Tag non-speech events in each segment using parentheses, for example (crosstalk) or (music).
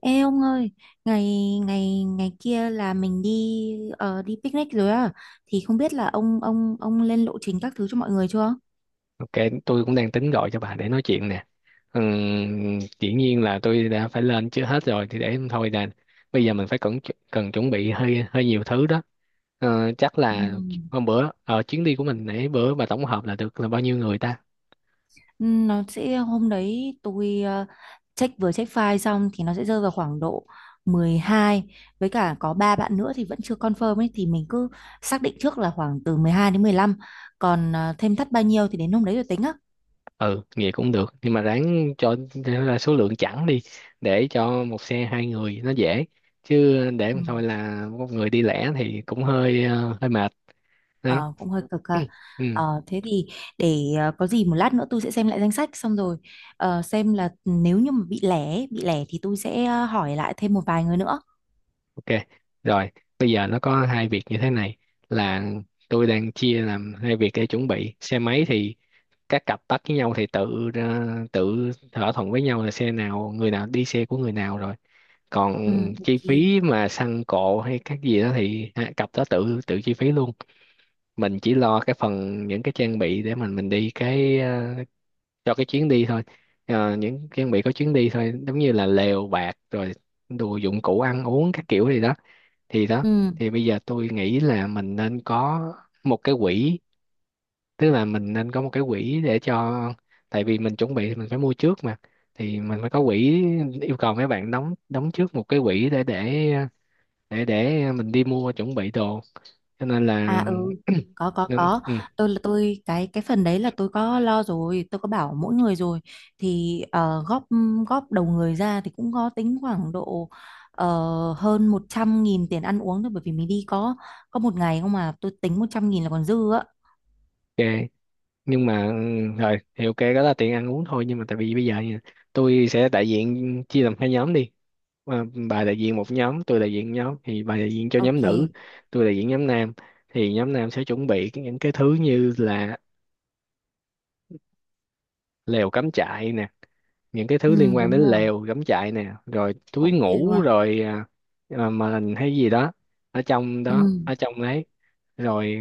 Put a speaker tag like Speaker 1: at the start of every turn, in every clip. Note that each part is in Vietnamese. Speaker 1: Ê ông ơi, ngày ngày ngày kia là mình đi đi picnic rồi á, thì không biết là ông lên lộ trình các thứ cho mọi người chưa?
Speaker 2: Ok, tôi cũng đang tính gọi cho bà để nói chuyện nè. Dĩ nhiên là tôi đã phải lên chưa hết rồi thì để thôi nè. Bây giờ mình phải cần cần chuẩn bị hơi hơi nhiều thứ đó. Chắc là
Speaker 1: Ừm.
Speaker 2: hôm bữa ở chuyến đi của mình nãy bữa bà tổng hợp là được là bao nhiêu người ta?
Speaker 1: Ừ, nó sẽ hôm đấy tôi check file xong thì nó sẽ rơi vào khoảng độ 12, với cả có ba bạn nữa thì vẫn chưa confirm ấy thì mình cứ xác định trước là khoảng từ 12 đến 15, còn thêm thắt bao nhiêu thì đến hôm đấy rồi tính á.
Speaker 2: Ừ, vậy cũng được. Nhưng mà ráng cho ra số lượng chẵn đi để cho một xe hai người nó dễ. Chứ để
Speaker 1: Ừ.
Speaker 2: mà thôi là một người đi lẻ thì cũng hơi hơi mệt đó.
Speaker 1: Ờ, cũng hơi cực ha.
Speaker 2: (clears throat) Ừ.
Speaker 1: Ờ, thế thì để có gì một lát nữa tôi sẽ xem lại danh sách xong rồi, xem là nếu như mà bị lẻ ấy, bị lẻ thì tôi sẽ hỏi lại thêm một vài người nữa.
Speaker 2: Ok, rồi bây giờ nó có hai việc như thế này là tôi đang chia làm hai việc để chuẩn bị xe máy thì các cặp bắt với nhau thì tự thỏa thuận với nhau là xe nào người nào đi xe của người nào rồi còn
Speaker 1: Ừ,
Speaker 2: chi
Speaker 1: ok.
Speaker 2: phí mà xăng cộ hay các gì đó thì hai cặp đó tự tự chi phí luôn. Mình chỉ lo cái phần những cái trang bị để mình đi cái cho cái chuyến đi thôi. Ờ, những trang bị có chuyến đi thôi giống như là lều bạt rồi đồ dụng cụ ăn uống các kiểu gì đó thì đó.
Speaker 1: Ừ,
Speaker 2: Thì bây giờ tôi nghĩ là mình nên có một cái quỹ, tức là mình nên có một cái quỹ để cho, tại vì mình chuẩn bị thì mình phải mua trước mà, thì mình phải có quỹ, yêu cầu mấy bạn đóng đóng trước một cái quỹ để mình đi mua chuẩn bị đồ, cho nên là
Speaker 1: à ừ, có có.
Speaker 2: (clears throat) ừ,
Speaker 1: Tôi cái phần đấy là tôi có lo rồi, tôi có bảo mỗi người rồi thì góp góp đầu người ra thì cũng có tính khoảng độ ờ, hơn 100 nghìn tiền ăn uống thôi, bởi vì mình đi có một ngày không mà tôi tính 100 nghìn là còn dư á.
Speaker 2: ok. Nhưng mà rồi thì ok đó là tiền ăn uống thôi nhưng mà tại vì bây giờ nha, tôi sẽ đại diện chia làm hai nhóm đi. Mà bà đại diện một nhóm tôi đại diện nhóm thì bà đại diện cho nhóm nữ,
Speaker 1: Ok.
Speaker 2: tôi đại diện nhóm nam, thì nhóm nam sẽ chuẩn bị cái- những cái thứ như là lều cắm trại nè, những cái thứ liên
Speaker 1: Ừ,
Speaker 2: quan
Speaker 1: đúng
Speaker 2: đến
Speaker 1: rồi,
Speaker 2: lều cắm trại nè rồi túi
Speaker 1: ok
Speaker 2: ngủ
Speaker 1: luôn.
Speaker 2: rồi mền hay gì đó ở trong
Speaker 1: Ừ,
Speaker 2: đó ở trong đấy Rồi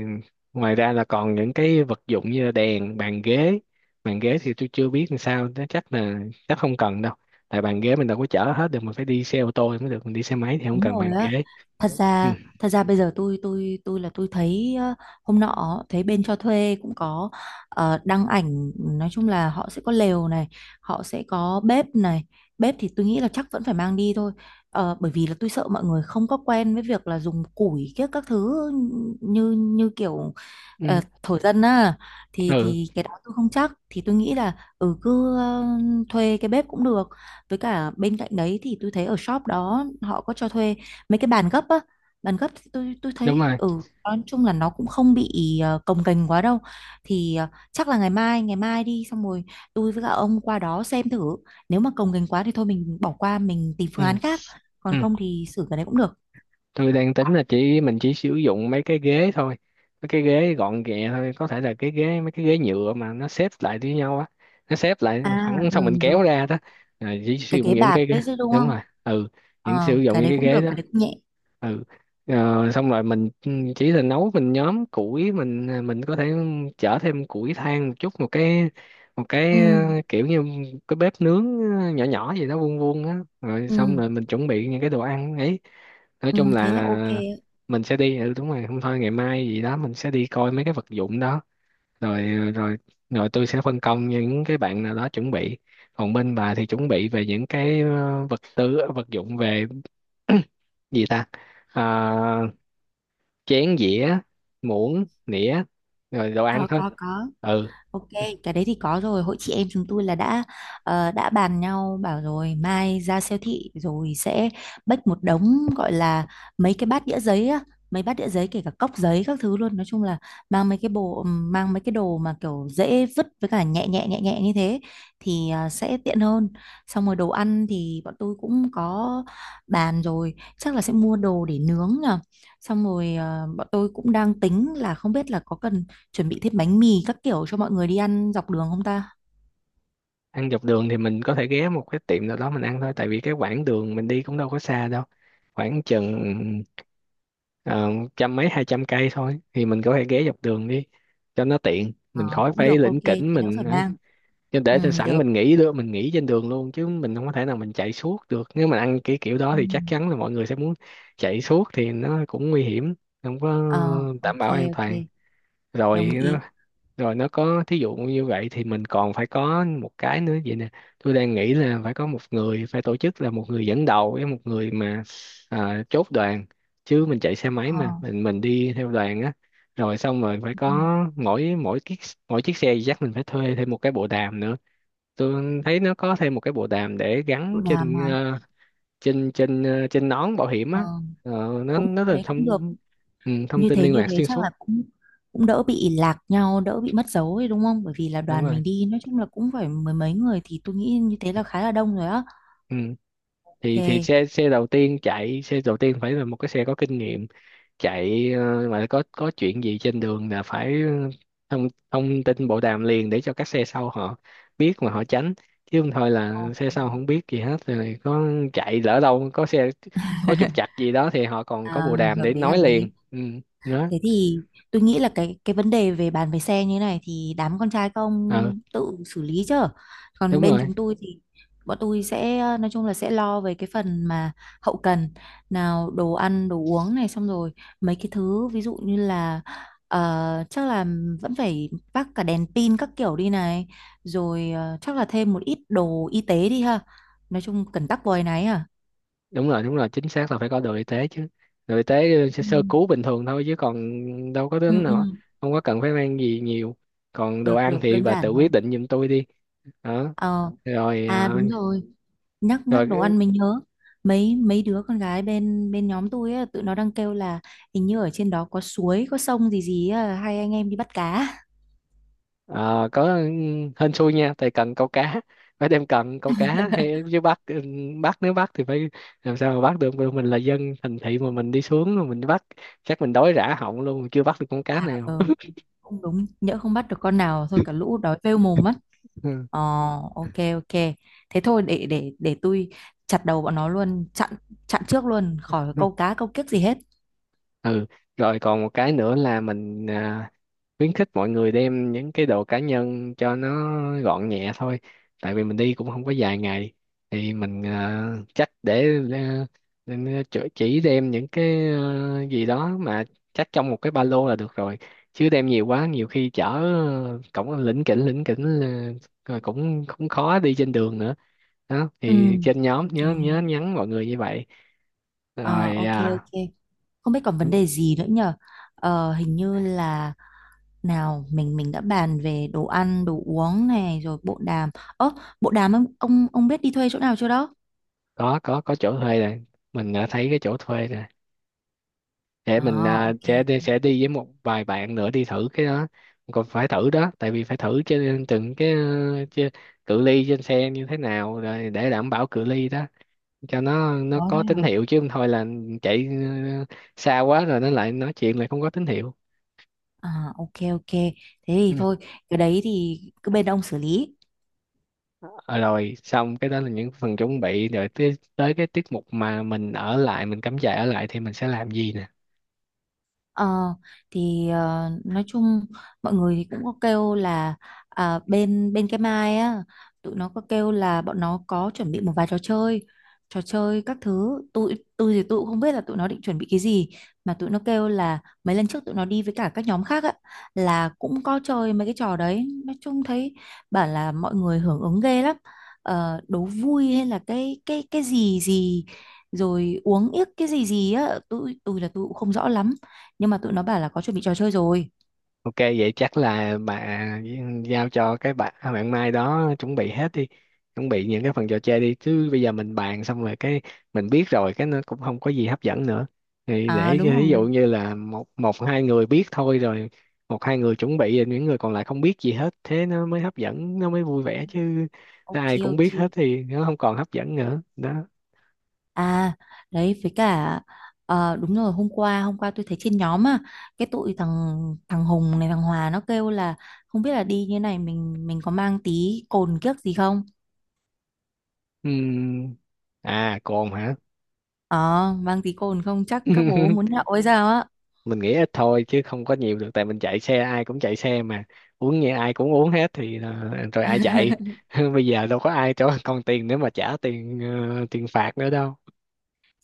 Speaker 2: ngoài ra là còn những cái vật dụng như là đèn, bàn ghế. Bàn ghế thì tôi chưa biết làm sao, nó chắc không cần đâu, tại bàn ghế mình đâu có chở hết được, mình phải đi xe ô tô thì mới được, mình đi xe máy thì không
Speaker 1: đúng
Speaker 2: cần
Speaker 1: rồi
Speaker 2: bàn
Speaker 1: á.
Speaker 2: ghế.
Speaker 1: Thật
Speaker 2: Ừ
Speaker 1: ra, thật ra bây giờ tôi thấy hôm nọ thấy bên cho thuê cũng có đăng ảnh, nói chung là họ sẽ có lều này, họ sẽ có bếp này. Bếp thì tôi nghĩ là chắc vẫn phải mang đi thôi. Ờ, bởi vì là tôi sợ mọi người không có quen với việc là dùng củi các thứ như như kiểu
Speaker 2: ừ,
Speaker 1: thổ dân á, thì
Speaker 2: ừ
Speaker 1: cái đó tôi không chắc thì tôi nghĩ là ừ cứ thuê cái bếp cũng được, với cả bên cạnh đấy thì tôi thấy ở shop đó họ có cho thuê mấy cái bàn gấp á. Bàn gấp thì tôi
Speaker 2: đúng
Speaker 1: thấy
Speaker 2: rồi.
Speaker 1: ừ, nói chung là nó cũng không bị cồng kềnh quá đâu, thì chắc là ngày mai đi xong rồi tôi với cả ông qua đó xem thử, nếu mà cồng kềnh quá thì thôi mình bỏ qua, mình tìm
Speaker 2: Ừ
Speaker 1: phương án khác, còn
Speaker 2: ừ,
Speaker 1: không thì xử cái đấy cũng được.
Speaker 2: tôi đang tính là chỉ mình chỉ sử dụng mấy cái ghế thôi, mấy cái ghế gọn ghẹ thôi, có thể là cái ghế mấy cái ghế nhựa mà nó xếp lại với nhau á, nó xếp lại
Speaker 1: À
Speaker 2: phẳng xong mình
Speaker 1: ừ
Speaker 2: kéo
Speaker 1: rồi,
Speaker 2: ra đó. Rồi chỉ sử
Speaker 1: cái
Speaker 2: dụng
Speaker 1: ghế
Speaker 2: những
Speaker 1: bạt
Speaker 2: cái ghế,
Speaker 1: đấy chứ đúng
Speaker 2: đúng
Speaker 1: không?
Speaker 2: rồi, ừ, những sử
Speaker 1: Ờ,
Speaker 2: dụng
Speaker 1: cái
Speaker 2: những
Speaker 1: đấy
Speaker 2: cái
Speaker 1: cũng
Speaker 2: ghế
Speaker 1: được, cái
Speaker 2: đó.
Speaker 1: đấy cũng nhẹ.
Speaker 2: Ừ. Ờ, xong rồi mình chỉ là nấu mình nhóm củi mình mình có thể chở thêm củi than một chút, một cái, một
Speaker 1: Ừ,
Speaker 2: cái kiểu như cái bếp nướng nhỏ nhỏ gì đó vuông vuông á, rồi
Speaker 1: ừ,
Speaker 2: xong rồi mình chuẩn bị những cái đồ ăn ấy. Nói
Speaker 1: ừ,
Speaker 2: chung
Speaker 1: thế là ok.
Speaker 2: là mình sẽ đi, đúng rồi, không thôi ngày mai gì đó mình sẽ đi coi mấy cái vật dụng đó rồi ờ, rồi rồi tôi sẽ phân công những cái bạn nào đó chuẩn bị, còn bên bà thì chuẩn bị về những cái vật tư vật dụng về (clears throat) gì ta. Ờ, chén dĩa, muỗng nĩa, rồi đồ ăn
Speaker 1: Có
Speaker 2: thôi.
Speaker 1: có có.
Speaker 2: Ừ.
Speaker 1: Ok, cái đấy thì có rồi. Hội chị em chúng tôi là đã đã bàn nhau bảo rồi mai ra siêu thị rồi sẽ bách một đống gọi là mấy cái bát đĩa giấy á, mấy bát đĩa giấy kể cả cốc giấy các thứ luôn. Nói chung là mang mấy cái bộ, mang mấy cái đồ mà kiểu dễ vứt với cả nhẹ nhẹ nhẹ nhẹ như thế thì sẽ tiện hơn. Xong rồi đồ ăn thì bọn tôi cũng có bàn rồi, chắc là sẽ mua đồ để nướng nhờ. Xong rồi bọn tôi cũng đang tính là không biết là có cần chuẩn bị thêm bánh mì các kiểu cho mọi người đi ăn dọc đường không ta?
Speaker 2: Ăn dọc đường thì mình có thể ghé một cái tiệm nào đó mình ăn thôi, tại vì cái quãng đường mình đi cũng đâu có xa đâu, khoảng chừng ờ, trăm mấy 200 cây thôi, thì mình có thể ghé dọc đường đi cho nó tiện,
Speaker 1: Ờ,
Speaker 2: mình khỏi
Speaker 1: cũng
Speaker 2: phải
Speaker 1: được, ok,
Speaker 2: lỉnh kỉnh
Speaker 1: thế đỡ
Speaker 2: mình
Speaker 1: phải
Speaker 2: ấy.
Speaker 1: mang.
Speaker 2: Chứ
Speaker 1: Ừ,
Speaker 2: để cho sẵn
Speaker 1: được.
Speaker 2: mình nghỉ được mình nghỉ trên đường luôn, chứ mình không có thể nào mình chạy suốt được, nếu mình ăn cái kiểu đó
Speaker 1: Ừ.
Speaker 2: thì chắc chắn là mọi người sẽ muốn chạy suốt thì nó cũng nguy hiểm, không có
Speaker 1: Ờ,
Speaker 2: đảm
Speaker 1: ok,
Speaker 2: bảo an
Speaker 1: ok,
Speaker 2: toàn.
Speaker 1: đồng
Speaker 2: Rồi,
Speaker 1: ý.
Speaker 2: rồi nó có thí dụ như vậy thì mình còn phải có một cái nữa vậy nè, tôi đang nghĩ là phải có một người phải tổ chức, là một người dẫn đầu với một người mà chốt đoàn, chứ mình chạy xe máy
Speaker 1: Ờ,
Speaker 2: mà mình đi theo đoàn á. Rồi xong rồi phải
Speaker 1: ừ, ừ.
Speaker 2: có mỗi mỗi chiếc xe thì chắc mình phải thuê thêm một cái bộ đàm nữa. Tôi thấy nó có thêm một cái bộ đàm để
Speaker 1: Độ
Speaker 2: gắn
Speaker 1: đàm hả?
Speaker 2: trên trên nón bảo hiểm
Speaker 1: Ờ,
Speaker 2: á. Ờ, nó
Speaker 1: cũng
Speaker 2: nó là
Speaker 1: thế cũng được.
Speaker 2: thông, ừ, thông
Speaker 1: Như
Speaker 2: tin
Speaker 1: thế
Speaker 2: liên
Speaker 1: như
Speaker 2: lạc
Speaker 1: thế
Speaker 2: xuyên
Speaker 1: chắc là
Speaker 2: suốt.
Speaker 1: cũng cũng đỡ bị lạc nhau, đỡ bị mất dấu ấy đúng không? Bởi vì là
Speaker 2: Đúng
Speaker 1: đoàn
Speaker 2: rồi,
Speaker 1: mình đi nói chung là cũng phải mười mấy người thì tôi nghĩ như thế là khá là đông rồi á.
Speaker 2: ừ. Thì
Speaker 1: Ok.
Speaker 2: xe xe đầu tiên, chạy xe đầu tiên phải là một cái xe có kinh nghiệm, chạy mà có chuyện gì trên đường là phải ờ, thông thông tin bộ đàm liền để cho các xe sau họ biết mà họ tránh, chứ không thôi là
Speaker 1: Ok.
Speaker 2: xe sau không biết gì hết, rồi có chạy lỡ đâu có xe có trục trặc
Speaker 1: (laughs)
Speaker 2: gì đó thì họ còn có
Speaker 1: À,
Speaker 2: bộ đàm
Speaker 1: hợp
Speaker 2: để
Speaker 1: lý
Speaker 2: nói
Speaker 1: hợp lý.
Speaker 2: liền, ừ, đó.
Speaker 1: Thế thì tôi nghĩ là cái vấn đề về bàn về xe như này thì đám con trai các
Speaker 2: Ờ
Speaker 1: ông tự xử lý chứ. Còn
Speaker 2: đúng
Speaker 1: bên
Speaker 2: rồi,
Speaker 1: chúng tôi thì bọn tôi sẽ nói chung là sẽ lo về cái phần mà hậu cần, nào đồ ăn đồ uống này, xong rồi mấy cái thứ ví dụ như là chắc là vẫn phải vác cả đèn pin các kiểu đi này, rồi chắc là thêm một ít đồ y tế đi ha. Nói chung cần tắc vòi này à.
Speaker 2: đúng rồi, đúng rồi, chính xác là phải có đội y tế chứ, đội y tế sẽ
Speaker 1: Ừ.
Speaker 2: sơ cứu bình thường thôi chứ còn đâu có đến
Speaker 1: Ừ,
Speaker 2: nào,
Speaker 1: ừ,
Speaker 2: không có cần phải mang gì nhiều. Còn đồ
Speaker 1: được
Speaker 2: ăn
Speaker 1: được
Speaker 2: thì
Speaker 1: đơn
Speaker 2: bà tự
Speaker 1: giản thôi.
Speaker 2: quyết định giùm tôi đi, đó.
Speaker 1: Ờ,
Speaker 2: Rồi
Speaker 1: à đúng rồi. Nhắc nhắc đồ
Speaker 2: rồi
Speaker 1: ăn mình nhớ, mấy mấy đứa con gái bên bên nhóm tôi á, tụi nó đang kêu là hình như ở trên đó có suối có sông gì gì á, hai anh em đi bắt cá.
Speaker 2: có, ừ, hên xui nha, tại cần câu cá phải đem cần câu cá hay, chứ bắt, bắt, nếu bắt thì phải làm sao mà bắt được. Bởi mình là dân thành thị mà mình đi xuống rồi mình bắt, chắc mình đói rã họng luôn chưa bắt được con cá nào.
Speaker 1: Ờ, không đúng, nhỡ không bắt được con nào thôi cả lũ đói phêu mồm mất.
Speaker 2: (laughs) Ừ.
Speaker 1: Ờ, ok ok, thế thôi để để tôi chặt đầu bọn nó luôn, chặn chặn trước luôn khỏi câu cá câu kiếc gì hết.
Speaker 2: Ừ, rồi còn một cái nữa là mình khuyến khích mọi người đem những cái đồ cá nhân cho nó gọn nhẹ thôi, tại vì mình đi cũng không có dài ngày, thì mình nên chỉ đem những cái gì đó mà chắc trong một cái ba lô là được rồi, chứ đem nhiều quá nhiều khi chở cổng lỉnh kỉnh là- rồi cũng cũng khó đi trên đường nữa, đó,
Speaker 1: Ừ,
Speaker 2: thì trên nhóm
Speaker 1: đồng
Speaker 2: nhớ
Speaker 1: ý.
Speaker 2: nhớ nhắn mọi người như vậy.
Speaker 1: Ờ,
Speaker 2: Rồi
Speaker 1: ok ok, không biết còn vấn đề gì nữa nhờ, hình như là, nào, mình đã bàn về đồ ăn, đồ uống này rồi bộ đàm. Ơ, bộ đàm ông biết đi thuê chỗ nào chưa đó?
Speaker 2: có chỗ thuê rồi, mình đã thấy cái chỗ thuê rồi, để mình
Speaker 1: À, ok
Speaker 2: sẽ
Speaker 1: ok.
Speaker 2: đi với một vài bạn nữa đi thử cái đó. Còn phải thử đó, tại vì phải thử trên từng cái chê- cự ly trên xe như thế nào, rồi để đảm bảo cự ly đó cho nó
Speaker 1: Có
Speaker 2: có
Speaker 1: thế hả?
Speaker 2: tín hiệu, chứ không thôi là chạy xa quá rồi nó lại nói chuyện lại không có tín hiệu,
Speaker 1: À, ok ok. Thế
Speaker 2: ừ.
Speaker 1: thì thôi, cái đấy thì cứ bên ông xử lý.
Speaker 2: Ờ, rồi xong cái đó là những phần chuẩn bị rồi tới, tới cái tiết mục mà mình ở lại mình cắm trại ở lại thì mình sẽ làm gì nè.
Speaker 1: Ờ, thì nói chung mọi người thì cũng có kêu là à, bên bên cái Mai á, tụi nó có kêu là bọn nó có chuẩn bị một vài trò chơi. Trò chơi các thứ tôi cũng không biết là tụi nó định chuẩn bị cái gì, mà tụi nó kêu là mấy lần trước tụi nó đi với cả các nhóm khác á, là cũng có chơi mấy cái trò đấy, nói chung thấy bảo là mọi người hưởng ứng ghê lắm. Ờ, đố vui hay là cái gì gì, rồi uống yếc cái gì gì á, tôi cũng không rõ lắm, nhưng mà tụi nó bảo là có chuẩn bị trò chơi rồi.
Speaker 2: Ok vậy chắc là bà giao cho cái bạn bạn Mai đó chuẩn bị hết đi, chuẩn bị những cái phần trò chơi đi, chứ bây giờ mình bàn xong rồi cái mình biết rồi cái nó cũng không có gì hấp dẫn nữa, thì
Speaker 1: À
Speaker 2: để
Speaker 1: đúng
Speaker 2: cho- ví dụ
Speaker 1: rồi.
Speaker 2: như là một một hai người biết thôi rồi, một hai người chuẩn bị rồi những người còn lại không biết gì hết thế nó mới hấp dẫn, nó mới vui vẻ chứ,
Speaker 1: Ok
Speaker 2: ai cũng
Speaker 1: ok.
Speaker 2: biết hết thì nó không còn hấp dẫn nữa đó.
Speaker 1: À, đấy với cả đúng rồi, hôm qua tôi thấy trên nhóm á, cái tụi thằng, thằng Hùng này thằng Hòa nó kêu là không biết là đi như này mình có mang tí cồn kiếc gì không.
Speaker 2: Ừm. À cồn hả.
Speaker 1: Ờ, mang tí cồn không chắc các bố muốn
Speaker 2: (laughs)
Speaker 1: nhậu hay sao.
Speaker 2: Mình nghĩ ít thôi chứ không có nhiều được, tại mình chạy xe, ai cũng chạy xe mà, uống như ai cũng uống hết thì ờ, rồi ai chạy. (laughs) Bây giờ đâu có ai cho (laughs) con tiền nữa mà trả tiền tiền phạt nữa đâu.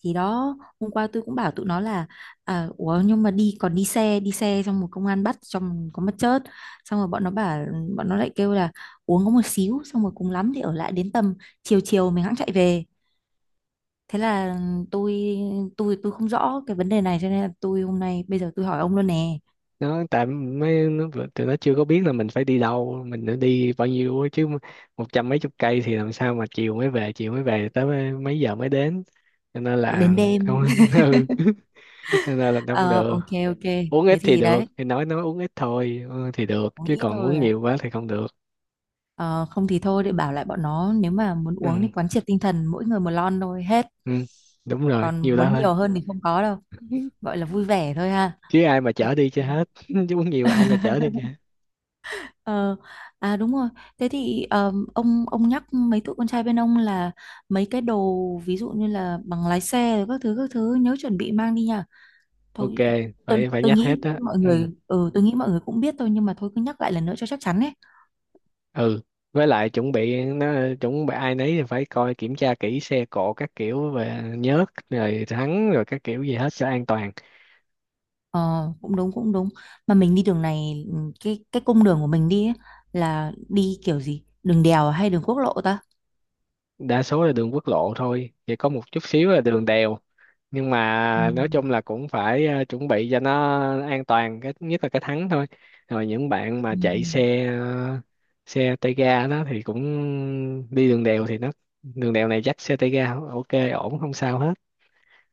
Speaker 1: Thì đó, hôm qua tôi cũng bảo tụi nó là à, ủa nhưng mà đi còn đi xe, đi xe xong một công an bắt xong có mất chớt. Xong rồi bọn nó bảo, bọn nó lại kêu là uống có một xíu, xong rồi cùng lắm thì ở lại đến tầm chiều chiều mình hẵng chạy về. Thế là tôi, tôi không rõ cái vấn đề này cho nên là tôi hôm nay bây giờ tôi hỏi ông luôn nè.
Speaker 2: Nó tại mấy nó, tụi nó chưa có biết là mình phải đi đâu, mình đã đi bao nhiêu á, chứ một trăm mấy chục cây thì làm sao mà chiều mới về, chiều mới về tới mấy mấy giờ mới đến, cho nên là
Speaker 1: Đến đêm.
Speaker 2: không. (laughs) Ừ. Cho nên là không
Speaker 1: Ờ,
Speaker 2: được.
Speaker 1: ok ok,
Speaker 2: Uống
Speaker 1: thế
Speaker 2: ít thì
Speaker 1: thì
Speaker 2: được,
Speaker 1: đấy,
Speaker 2: thì nói uống ít thôi, ừ, thì được
Speaker 1: uống
Speaker 2: chứ
Speaker 1: ít
Speaker 2: còn
Speaker 1: thôi
Speaker 2: uống
Speaker 1: à.
Speaker 2: nhiều quá thì không được.
Speaker 1: Ờ, không thì thôi để bảo lại bọn nó, nếu mà muốn
Speaker 2: Ừ.
Speaker 1: uống thì quán triệt tinh thần mỗi người một lon thôi hết,
Speaker 2: Ừ, đúng rồi,
Speaker 1: còn
Speaker 2: nhiều lắm
Speaker 1: muốn
Speaker 2: thôi.
Speaker 1: nhiều hơn thì không có đâu,
Speaker 2: (laughs)
Speaker 1: gọi là vui vẻ thôi ha.
Speaker 2: Chứ ai mà
Speaker 1: Ok.
Speaker 2: chở đi cho hết, (laughs) chứ muốn nhiều ai mà chở đi cho hết.
Speaker 1: (laughs) Ờ, à đúng rồi. Thế thì ông nhắc mấy tụi con trai bên ông là mấy cái đồ ví dụ như là bằng lái xe rồi các thứ nhớ chuẩn bị mang đi nha.
Speaker 2: Ok,
Speaker 1: Thôi tôi
Speaker 2: phải phải
Speaker 1: tôi
Speaker 2: nhắc hết
Speaker 1: nghĩ
Speaker 2: đó,
Speaker 1: mọi
Speaker 2: ừ.
Speaker 1: người ừ tôi nghĩ mọi người cũng biết thôi, nhưng mà thôi cứ nhắc lại lần nữa cho chắc chắn ấy.
Speaker 2: Ừ, với lại chuẩn bị nó, chuẩn bị ai nấy thì phải coi kiểm tra kỹ xe cộ các kiểu và nhớt rồi thắng rồi các kiểu gì hết cho an toàn.
Speaker 1: Ờ cũng đúng cũng đúng. Mà mình đi đường này ừ, cái cung đường của mình đi ấy, là đi kiểu gì? Đường đèo hay đường quốc lộ ta?
Speaker 2: Đa số là đường quốc lộ thôi, chỉ có một chút xíu là đường đèo, nhưng
Speaker 1: Ừ,
Speaker 2: mà nói chung là cũng phải chuẩn bị cho nó an toàn, cái nhất là cái thắng thôi. Rồi những bạn mà
Speaker 1: ừ.
Speaker 2: chạy xe xe tay ga đó thì cũng đi đường đèo thì nó, đường đèo này dắt xe tay ga ok, ổn không sao hết.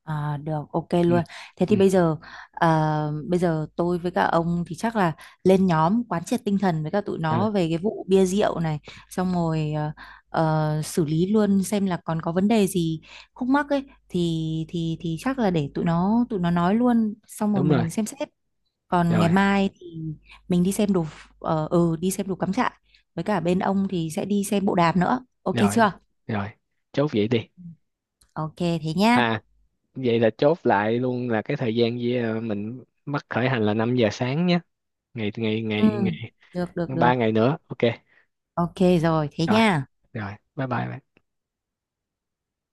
Speaker 1: À, được ok
Speaker 2: Ừ,
Speaker 1: luôn, thế
Speaker 2: ừ,
Speaker 1: thì bây giờ à, bây giờ tôi với các ông thì chắc là lên nhóm quán triệt tinh thần với cả tụi
Speaker 2: ừ
Speaker 1: nó về cái vụ bia rượu này, xong rồi xử lý luôn xem là còn có vấn đề gì khúc mắc ấy thì thì chắc là để tụi nó nói luôn xong rồi
Speaker 2: đúng rồi
Speaker 1: mình xem xét. Còn ngày
Speaker 2: rồi
Speaker 1: mai thì mình đi xem đồ ph-, đi xem đồ cắm trại, với cả bên ông thì sẽ đi xem bộ đàm nữa, ok
Speaker 2: rồi
Speaker 1: chưa?
Speaker 2: rồi chốt vậy đi.
Speaker 1: Ok thế nhá.
Speaker 2: À, vậy là chốt lại luôn là cái thời gian với mình bắt khởi hành là 5 giờ sáng nhé, ngày ngày
Speaker 1: Ừ,
Speaker 2: ngày
Speaker 1: được được
Speaker 2: ngày
Speaker 1: được.
Speaker 2: 3 ngày nữa ok.
Speaker 1: Ok rồi, thế
Speaker 2: Rồi,
Speaker 1: nha.
Speaker 2: rồi bye bye bạn.